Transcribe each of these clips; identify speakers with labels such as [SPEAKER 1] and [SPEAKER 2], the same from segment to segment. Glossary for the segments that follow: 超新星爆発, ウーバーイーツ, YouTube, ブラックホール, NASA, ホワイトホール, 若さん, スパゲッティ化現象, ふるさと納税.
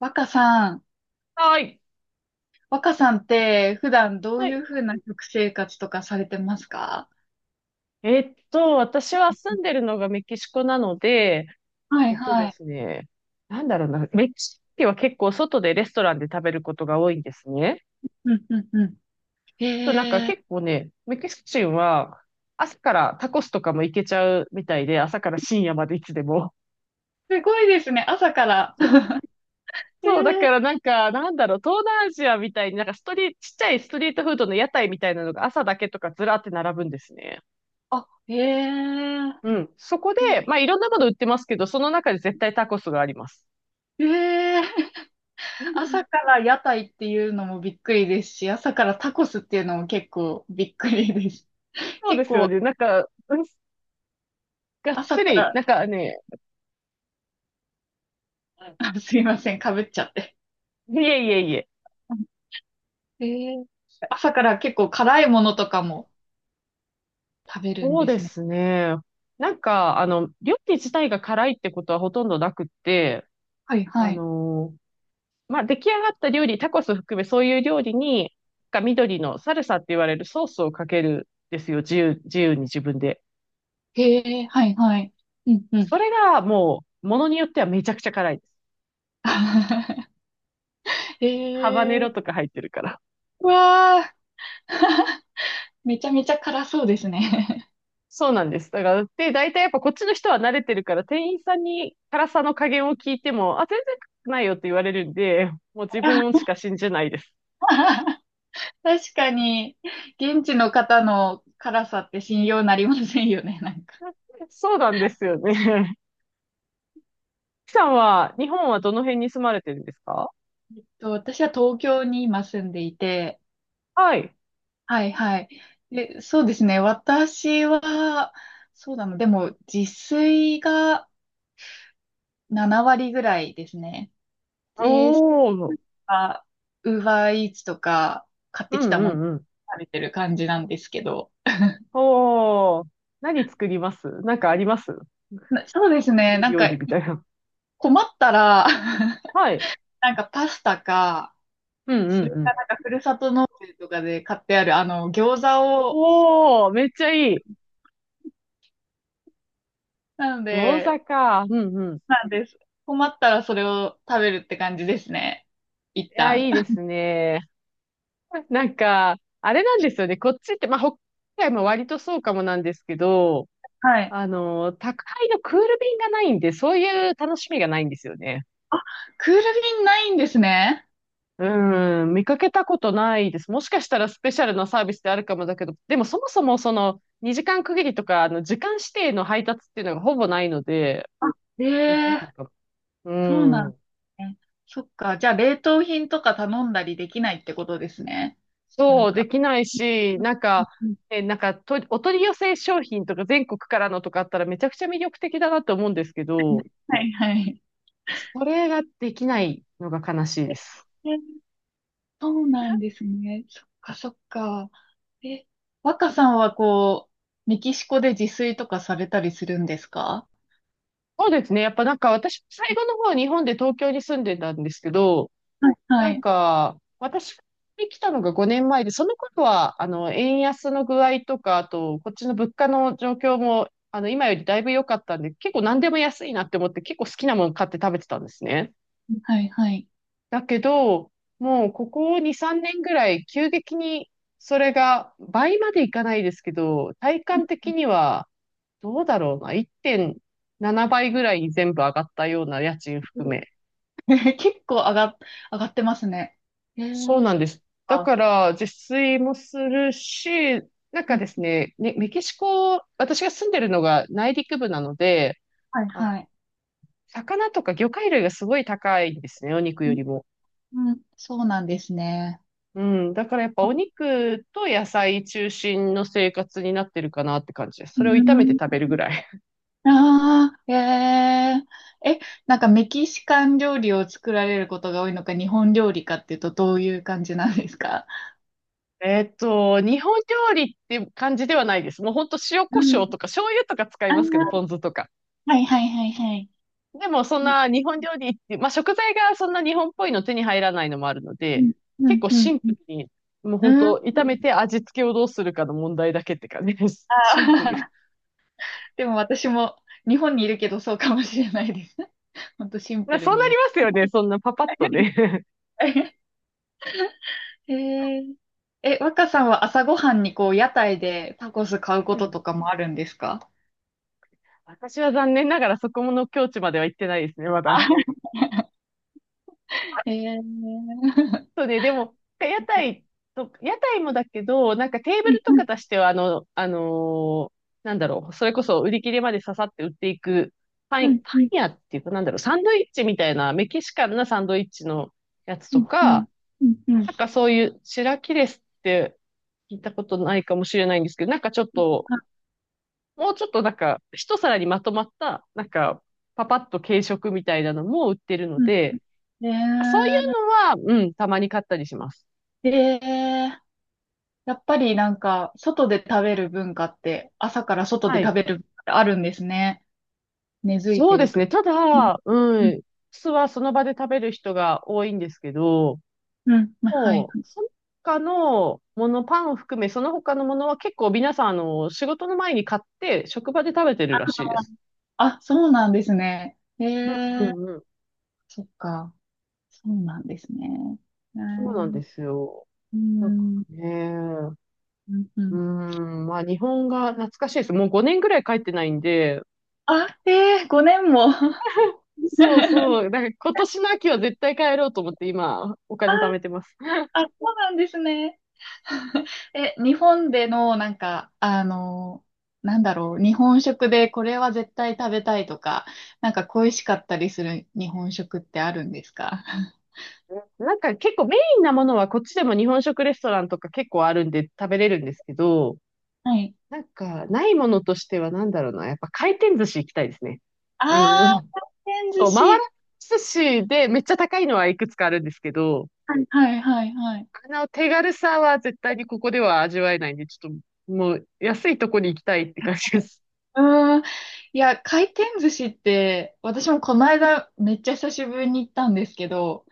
[SPEAKER 1] 若さん、
[SPEAKER 2] はい。
[SPEAKER 1] 若さんって普段どう
[SPEAKER 2] は
[SPEAKER 1] い
[SPEAKER 2] い。
[SPEAKER 1] うふうな食生活とかされてますか？
[SPEAKER 2] 私は住んでるのがメキシコなので、
[SPEAKER 1] は
[SPEAKER 2] え
[SPEAKER 1] い
[SPEAKER 2] っと
[SPEAKER 1] は
[SPEAKER 2] で
[SPEAKER 1] い。
[SPEAKER 2] すね、なんだろうな、メキシコ人は結構外でレストランで食べることが多いんですね。
[SPEAKER 1] うんうんうん。
[SPEAKER 2] となんか結構ね、メキシコ人は朝からタコスとかも行けちゃうみたいで、朝から深夜までいつでも。
[SPEAKER 1] すごいですね、朝から。え
[SPEAKER 2] そう、だ
[SPEAKER 1] ー、
[SPEAKER 2] からなんか、東南アジアみたいになんかストリート、ちっちゃいストリートフードの屋台みたいなのが朝だけとかずらって並ぶんですね。
[SPEAKER 1] あ、
[SPEAKER 2] うん。そこで、まあ、いろんなもの売ってますけど、その中で絶対タコスがあります。
[SPEAKER 1] えー、朝 から屋台っていうのもびっくりですし、朝からタコスっていうのも結構びっくりです。
[SPEAKER 2] そうで
[SPEAKER 1] 結
[SPEAKER 2] すよ
[SPEAKER 1] 構
[SPEAKER 2] ね。なんか、うんがっ
[SPEAKER 1] 朝
[SPEAKER 2] つ
[SPEAKER 1] か
[SPEAKER 2] り、
[SPEAKER 1] ら、
[SPEAKER 2] なんかね、
[SPEAKER 1] あすいません、かぶっちゃって。
[SPEAKER 2] いえいえいえ。
[SPEAKER 1] えー、朝から結構辛いものとかも食べるん
[SPEAKER 2] そう
[SPEAKER 1] で
[SPEAKER 2] で
[SPEAKER 1] すね。
[SPEAKER 2] すね。なんか、料理自体が辛いってことはほとんどなくって、
[SPEAKER 1] はい
[SPEAKER 2] あ
[SPEAKER 1] はい。
[SPEAKER 2] のーまあ、出来上がった料理、タコス含めそういう料理に、なんか緑のサルサって言われるソースをかけるんですよ。自由に自分で。
[SPEAKER 1] へえ、はいはい。うんうん。
[SPEAKER 2] それがもう、ものによってはめちゃくちゃ辛いです。ハバネ
[SPEAKER 1] へえ、
[SPEAKER 2] ロとか入ってるから。
[SPEAKER 1] うわあ、めちゃめちゃ辛そうですね。
[SPEAKER 2] そうなんです。だから、で、大体やっぱこっちの人は慣れてるから、店員さんに辛さの加減を聞いても、あ、全然辛くないよって言われるんで、もう自分 しか信じないです。
[SPEAKER 1] 確かに、現地の方の辛さって信用なりませんよね、なんか。
[SPEAKER 2] そうなんですよね。キさんは、日本はどの辺に住まれてるんですか？
[SPEAKER 1] 私は東京に今住んでいて、
[SPEAKER 2] はい。
[SPEAKER 1] はいはい。で、そうですね、私は、そうだな、でも自炊が7割ぐらいですね。
[SPEAKER 2] お
[SPEAKER 1] で、
[SPEAKER 2] ー。
[SPEAKER 1] あ、ウーバーイーツとか買っ
[SPEAKER 2] う
[SPEAKER 1] てき
[SPEAKER 2] ん
[SPEAKER 1] た
[SPEAKER 2] う
[SPEAKER 1] もの
[SPEAKER 2] んうん。
[SPEAKER 1] 食べてる感じなんですけど。
[SPEAKER 2] おー。何作りますなんかあります
[SPEAKER 1] そうですね。
[SPEAKER 2] 得意
[SPEAKER 1] なん
[SPEAKER 2] 料
[SPEAKER 1] か
[SPEAKER 2] 理みたいな。
[SPEAKER 1] 困ったら
[SPEAKER 2] はい。
[SPEAKER 1] なんかパスタか、
[SPEAKER 2] うんう
[SPEAKER 1] そ
[SPEAKER 2] ん
[SPEAKER 1] れ
[SPEAKER 2] う
[SPEAKER 1] か
[SPEAKER 2] ん。
[SPEAKER 1] なんかふるさと納税とかで買ってあるあの餃子を、
[SPEAKER 2] おー、めっちゃいい。
[SPEAKER 1] なの
[SPEAKER 2] 餃子
[SPEAKER 1] で、
[SPEAKER 2] か。うんうん。い
[SPEAKER 1] なんです。困ったらそれを食べるって感じですね。一
[SPEAKER 2] や、
[SPEAKER 1] 旦。
[SPEAKER 2] いいですね。なんか、あれなんですよね。こっちって、まあ、北海道も割とそうかもなんですけど、
[SPEAKER 1] はい。
[SPEAKER 2] 宅配のクール便がないんで、そういう楽しみがないんですよね。
[SPEAKER 1] クール便ないんですね。
[SPEAKER 2] うん、見かけたことないです。もしかしたらスペシャルなサービスであるかもだけど、でもそもそもその2時間区切りとか、時間指定の配達っていうのがほぼないので、
[SPEAKER 1] あ、
[SPEAKER 2] でき
[SPEAKER 1] え
[SPEAKER 2] ない
[SPEAKER 1] え、
[SPEAKER 2] かも。う
[SPEAKER 1] そうなんで
[SPEAKER 2] ん。
[SPEAKER 1] すね。そっか。じゃあ、冷凍品とか頼んだりできないってことですね。なん
[SPEAKER 2] そう、で
[SPEAKER 1] か。
[SPEAKER 2] きないし、なんか、
[SPEAKER 1] うん、
[SPEAKER 2] なんかと、お取り寄せ商品とか全国からのとかあったらめちゃくちゃ魅力的だなと思うんですけど、
[SPEAKER 1] はいはい。
[SPEAKER 2] それができないのが悲しいです。
[SPEAKER 1] え、そうなんですね。そっかそっか。え、若さんはこう、メキシコで自炊とかされたりするんですか？
[SPEAKER 2] そうですね。やっぱなんか私、最後の方日本で東京に住んでたんですけど、
[SPEAKER 1] はいは
[SPEAKER 2] なん
[SPEAKER 1] い
[SPEAKER 2] か私が来たのが5年前で、その頃はあの円安の具合とか、あとこっちの物価の状況も今よりだいぶ良かったんで、結構何でも安いなって思って結構好きなもの買って食べてたんですね。
[SPEAKER 1] はいはい。
[SPEAKER 2] だけど、もうここ2、3年ぐらい急激にそれが倍までいかないですけど、体感的にはどうだろうな。1.7倍ぐらいに全部上がったような家賃
[SPEAKER 1] え
[SPEAKER 2] 含め。
[SPEAKER 1] ー 結構上が、上がってますね。え
[SPEAKER 2] そう
[SPEAKER 1] ー、
[SPEAKER 2] なん
[SPEAKER 1] そっ
[SPEAKER 2] です。だか
[SPEAKER 1] か。
[SPEAKER 2] ら、自炊もするし、なんか
[SPEAKER 1] うん、
[SPEAKER 2] ですね、ね、メキシコ、私が住んでるのが内陸部なので、
[SPEAKER 1] はい
[SPEAKER 2] あ、
[SPEAKER 1] はい。
[SPEAKER 2] 魚とか魚介類がすごい高いんですね、お肉よりも。
[SPEAKER 1] うん、そうなんですね。
[SPEAKER 2] うん。だからやっぱお肉と野菜中心の生活になってるかなって感じです。
[SPEAKER 1] う
[SPEAKER 2] それを炒めて
[SPEAKER 1] ん、
[SPEAKER 2] 食べるぐらい。
[SPEAKER 1] ああ、えええ、なんかメキシカン料理を作られることが多いのか、日本料理かっていうと、どういう感じなんですか？
[SPEAKER 2] 日本料理って感じではないです。もうほんと塩
[SPEAKER 1] う
[SPEAKER 2] コショ
[SPEAKER 1] ん。
[SPEAKER 2] ウとか醤油とか使い
[SPEAKER 1] あ
[SPEAKER 2] ますけど、ポン
[SPEAKER 1] あ、
[SPEAKER 2] 酢とか。
[SPEAKER 1] はいはいはいはい。
[SPEAKER 2] でもそん
[SPEAKER 1] うん、
[SPEAKER 2] な日本料理って、まあ食材がそんな日本っぽいの手に入らないのもあるの
[SPEAKER 1] う
[SPEAKER 2] で、
[SPEAKER 1] ん、う
[SPEAKER 2] 結
[SPEAKER 1] ん、
[SPEAKER 2] 構
[SPEAKER 1] う
[SPEAKER 2] シ
[SPEAKER 1] ん。
[SPEAKER 2] ンプルに、もうほん
[SPEAKER 1] うん
[SPEAKER 2] と炒めて味付けをどうするかの問題だけって感じです。シンプル。
[SPEAKER 1] でも私も日本にいるけどそうかもしれないです。ほんとシン
[SPEAKER 2] ま
[SPEAKER 1] プ
[SPEAKER 2] あ
[SPEAKER 1] ル
[SPEAKER 2] そうな
[SPEAKER 1] に
[SPEAKER 2] り
[SPEAKER 1] み
[SPEAKER 2] ますよね。そんなパパッとね。
[SPEAKER 1] たい。へえ、え、若さんは朝ごはんにこう屋台でタコス買う こ
[SPEAKER 2] う
[SPEAKER 1] と
[SPEAKER 2] ん。
[SPEAKER 1] とかもあるんですか？
[SPEAKER 2] 私は残念ながらそこの境地までは行ってないですね、まだ。
[SPEAKER 1] へえー、
[SPEAKER 2] そうね、でも、屋台もだけど、なんかテーブ
[SPEAKER 1] うん
[SPEAKER 2] ルとか出しては、それこそ売り切れまで刺さって売っていく、
[SPEAKER 1] うんう
[SPEAKER 2] パン
[SPEAKER 1] ん
[SPEAKER 2] 屋っていうか、サンドイッチみたいな、メキシカンなサンドイッチのやつ
[SPEAKER 1] う
[SPEAKER 2] と
[SPEAKER 1] んうん。
[SPEAKER 2] か、
[SPEAKER 1] うんうん。
[SPEAKER 2] なんかそういう、シラキレスって聞いたことないかもしれないんですけど、なんかちょっと、もうちょっとなんか、一皿にまとまった、なんか、パパッと軽食みたいなのも売ってるの
[SPEAKER 1] うん。
[SPEAKER 2] で、そうい
[SPEAKER 1] ね
[SPEAKER 2] うのは、うん、たまに買ったりします。
[SPEAKER 1] え。ええ。やっぱりなんか、外で食べる文化って、朝から外
[SPEAKER 2] は
[SPEAKER 1] で食
[SPEAKER 2] い。
[SPEAKER 1] べる文化ってあるんですね。根付い
[SPEAKER 2] そ
[SPEAKER 1] て
[SPEAKER 2] うで
[SPEAKER 1] る
[SPEAKER 2] す
[SPEAKER 1] と。
[SPEAKER 2] ね。た
[SPEAKER 1] うん
[SPEAKER 2] だ、う
[SPEAKER 1] うん
[SPEAKER 2] ん、酢はその場で食べる人が多いんですけど、
[SPEAKER 1] うん、まはい。
[SPEAKER 2] もう、その他のもの、パンを含め、その他のものは結構皆さん、仕事の前に買って、職場で食べてるらしいです。
[SPEAKER 1] あ、そうなんですね。え
[SPEAKER 2] うんう
[SPEAKER 1] え。
[SPEAKER 2] んうん。
[SPEAKER 1] そっか。そうなんですね。え
[SPEAKER 2] そうなん
[SPEAKER 1] え。
[SPEAKER 2] ですよ。
[SPEAKER 1] う
[SPEAKER 2] だか
[SPEAKER 1] ん。
[SPEAKER 2] らね、
[SPEAKER 1] うんう
[SPEAKER 2] う
[SPEAKER 1] ん。
[SPEAKER 2] ん、まあ日本が懐かしいです。もう5年ぐらい帰ってないんで、
[SPEAKER 1] あ、ええ、5年も。
[SPEAKER 2] そうそう、だから今年の秋は絶対帰ろうと思って今、お金貯めてます。
[SPEAKER 1] あ、そうなんですね。え、日本での、なんか、なんだろう、日本食でこれは絶対食べたいとか、なんか恋しかったりする日本食ってあるんですか？
[SPEAKER 2] なんか結構メインなものはこっちでも日本食レストランとか結構あるんで食べれるんですけど、
[SPEAKER 1] はい。
[SPEAKER 2] なんかないものとしてはなんだろうな、やっぱ回転寿司行きたいですね。あの、
[SPEAKER 1] あー、回転寿
[SPEAKER 2] そう、回ら
[SPEAKER 1] 司。
[SPEAKER 2] 寿司でめっちゃ高いのはいくつかあるんですけど、
[SPEAKER 1] はいはいはいはい。
[SPEAKER 2] あの手軽さは絶対にここでは味わえないんで、ちょっともう安いとこに行きたいって感じです。
[SPEAKER 1] うーん。いや、回転寿司って、私もこの間めっちゃ久しぶりに行ったんですけど、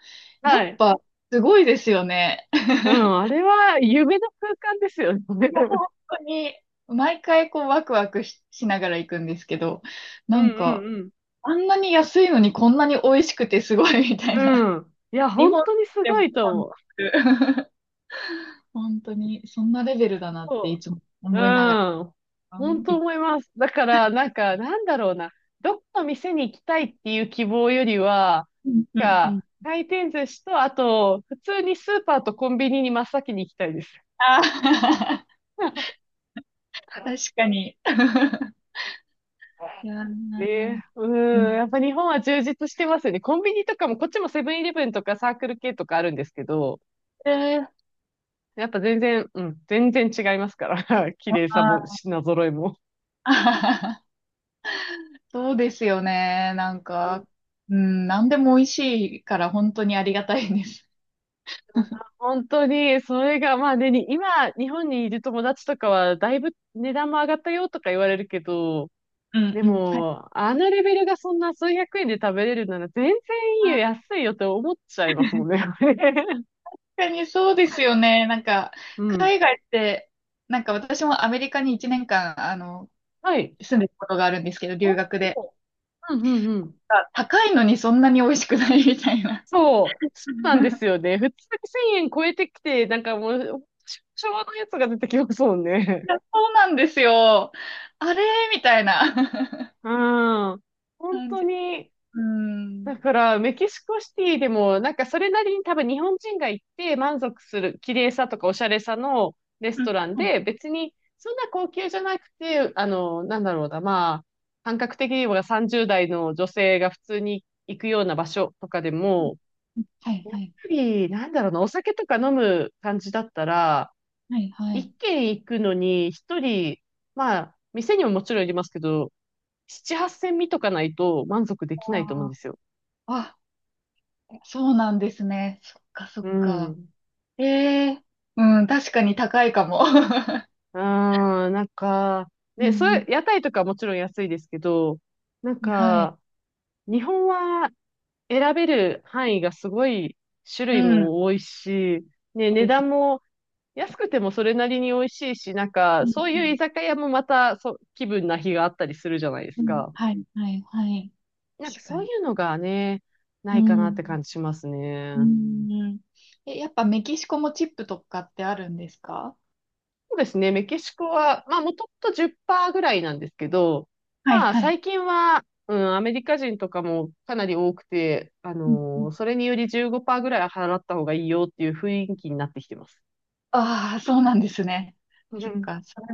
[SPEAKER 1] や
[SPEAKER 2] は
[SPEAKER 1] っ
[SPEAKER 2] い。
[SPEAKER 1] ぱすごいですよね。
[SPEAKER 2] うん、あれは夢の空間ですよね。
[SPEAKER 1] いや、本当に、毎回こうワクワクしながら行くんですけど、
[SPEAKER 2] う
[SPEAKER 1] な
[SPEAKER 2] ん
[SPEAKER 1] んか、
[SPEAKER 2] うん
[SPEAKER 1] あんなに安いのにこんなに美味しくてすごいみた
[SPEAKER 2] う
[SPEAKER 1] いな。
[SPEAKER 2] ん。うん。いや、
[SPEAKER 1] 日
[SPEAKER 2] 本
[SPEAKER 1] 本
[SPEAKER 2] 当にす
[SPEAKER 1] で
[SPEAKER 2] ご
[SPEAKER 1] も
[SPEAKER 2] いと
[SPEAKER 1] 感じ
[SPEAKER 2] 思
[SPEAKER 1] る。本当に、そんなレベルだなってい
[SPEAKER 2] う。
[SPEAKER 1] つも
[SPEAKER 2] う
[SPEAKER 1] 思いなが
[SPEAKER 2] ん。
[SPEAKER 1] ら。
[SPEAKER 2] 本当
[SPEAKER 1] い
[SPEAKER 2] 思います。だから、なんか、なんだろうな。どこの店に行きたいっていう希望よりは、
[SPEAKER 1] うんうん
[SPEAKER 2] な
[SPEAKER 1] う
[SPEAKER 2] ん
[SPEAKER 1] ん。
[SPEAKER 2] か、回転寿司と、あと、普通にスーパーとコンビニに真っ先に行きたいです。
[SPEAKER 1] ああ、確かに。いや
[SPEAKER 2] ね
[SPEAKER 1] ー、
[SPEAKER 2] え、
[SPEAKER 1] う
[SPEAKER 2] うん、
[SPEAKER 1] ん。
[SPEAKER 2] やっぱ日本は充実してますよね。コンビニとかも、こっちもセブンイレブンとかサークル系とかあるんですけど、
[SPEAKER 1] えー、
[SPEAKER 2] やっぱ全然、うん、全然違いますから、綺麗さも
[SPEAKER 1] あ
[SPEAKER 2] 品揃えも。
[SPEAKER 1] ー そうですよね。なんか、うん、なんでも美味しいから本当にありがたいです。
[SPEAKER 2] 本当に、それが、まあね、に今、日本にいる友達とかは、だいぶ値段も上がったよとか言われるけど、
[SPEAKER 1] うん
[SPEAKER 2] で
[SPEAKER 1] うん。はい。
[SPEAKER 2] も、あのレベルがそんな数百円で食べれるなら、全然いいよ、
[SPEAKER 1] あ
[SPEAKER 2] 安いよって思っちゃいますも
[SPEAKER 1] ー、
[SPEAKER 2] んね。
[SPEAKER 1] 確かにそうですよね。なんか、
[SPEAKER 2] うん。
[SPEAKER 1] 海外って、なんか私もアメリカに1年間、あの、
[SPEAKER 2] はい。
[SPEAKER 1] 住んでたことがあるんですけど、
[SPEAKER 2] お、
[SPEAKER 1] 留
[SPEAKER 2] う
[SPEAKER 1] 学で。
[SPEAKER 2] んうんうん。
[SPEAKER 1] あ、高いのにそんなに美味しくない みたいな。
[SPEAKER 2] そう、そうなんで すよね。普通に1000円超えてきて、なんかもう、昭和のやつが出てきますもんね。
[SPEAKER 1] いや、そうなんですよ。あれみたいな
[SPEAKER 2] うん。本
[SPEAKER 1] 感
[SPEAKER 2] 当
[SPEAKER 1] じ。
[SPEAKER 2] に、
[SPEAKER 1] うん。
[SPEAKER 2] だから、メキシコシティでも、なんかそれなりに多分日本人が行って満足する綺麗さとかおしゃれさのレス
[SPEAKER 1] う
[SPEAKER 2] ト
[SPEAKER 1] ん。
[SPEAKER 2] ランで、別にそんな高級じゃなくて、なんだろうな、まあ、感覚的には30代の女性が普通に行くような場所とかでも、
[SPEAKER 1] はい、
[SPEAKER 2] や
[SPEAKER 1] は
[SPEAKER 2] っ
[SPEAKER 1] い、
[SPEAKER 2] ぱり、なんだろうな、お酒とか飲む感じだったら、
[SPEAKER 1] はい、は
[SPEAKER 2] 一
[SPEAKER 1] い。
[SPEAKER 2] 軒行くのに一人、まあ、店にももちろんありますけど、七八千見とかないと満足できないと思うん
[SPEAKER 1] あ
[SPEAKER 2] ですよ。
[SPEAKER 1] あ、あ、そうなんですね。そっか、そ
[SPEAKER 2] う
[SPEAKER 1] っか。
[SPEAKER 2] ん。
[SPEAKER 1] ええ、うん、確かに高いかも。う
[SPEAKER 2] うーん、なんか、ね、それ、
[SPEAKER 1] ん、
[SPEAKER 2] 屋台とかもちろん安いですけど、なん
[SPEAKER 1] うんはい。
[SPEAKER 2] か、日本は選べる範囲がすごい種
[SPEAKER 1] う
[SPEAKER 2] 類
[SPEAKER 1] ん、
[SPEAKER 2] も多いし、ね、
[SPEAKER 1] そう
[SPEAKER 2] 値
[SPEAKER 1] で
[SPEAKER 2] 段
[SPEAKER 1] す。
[SPEAKER 2] も安くてもそれなりに美味しいし、なんか、
[SPEAKER 1] うん
[SPEAKER 2] そう
[SPEAKER 1] う
[SPEAKER 2] いう
[SPEAKER 1] ん
[SPEAKER 2] 居酒屋もまた、そ、気分な日があったりするじゃないで
[SPEAKER 1] う
[SPEAKER 2] す
[SPEAKER 1] ん、
[SPEAKER 2] か。
[SPEAKER 1] はい、はい、はい。
[SPEAKER 2] なんか
[SPEAKER 1] 確か
[SPEAKER 2] そうい
[SPEAKER 1] に。
[SPEAKER 2] うのがね、な
[SPEAKER 1] う
[SPEAKER 2] いかなっ
[SPEAKER 1] ん。
[SPEAKER 2] て感じしますね。
[SPEAKER 1] うん。え、やっぱメキシコもチップとかってあるんですか？
[SPEAKER 2] そうですね。メキシコは、まあ、もともと10%ぐらいなんですけど、
[SPEAKER 1] はい、
[SPEAKER 2] まあ、
[SPEAKER 1] はい。
[SPEAKER 2] 最近は、うん、アメリカ人とかもかなり多くて、
[SPEAKER 1] うんうん、
[SPEAKER 2] それにより15%ぐらい払った方がいいよっていう雰囲気になってきてます。
[SPEAKER 1] ああ、そうなんですね。そっか。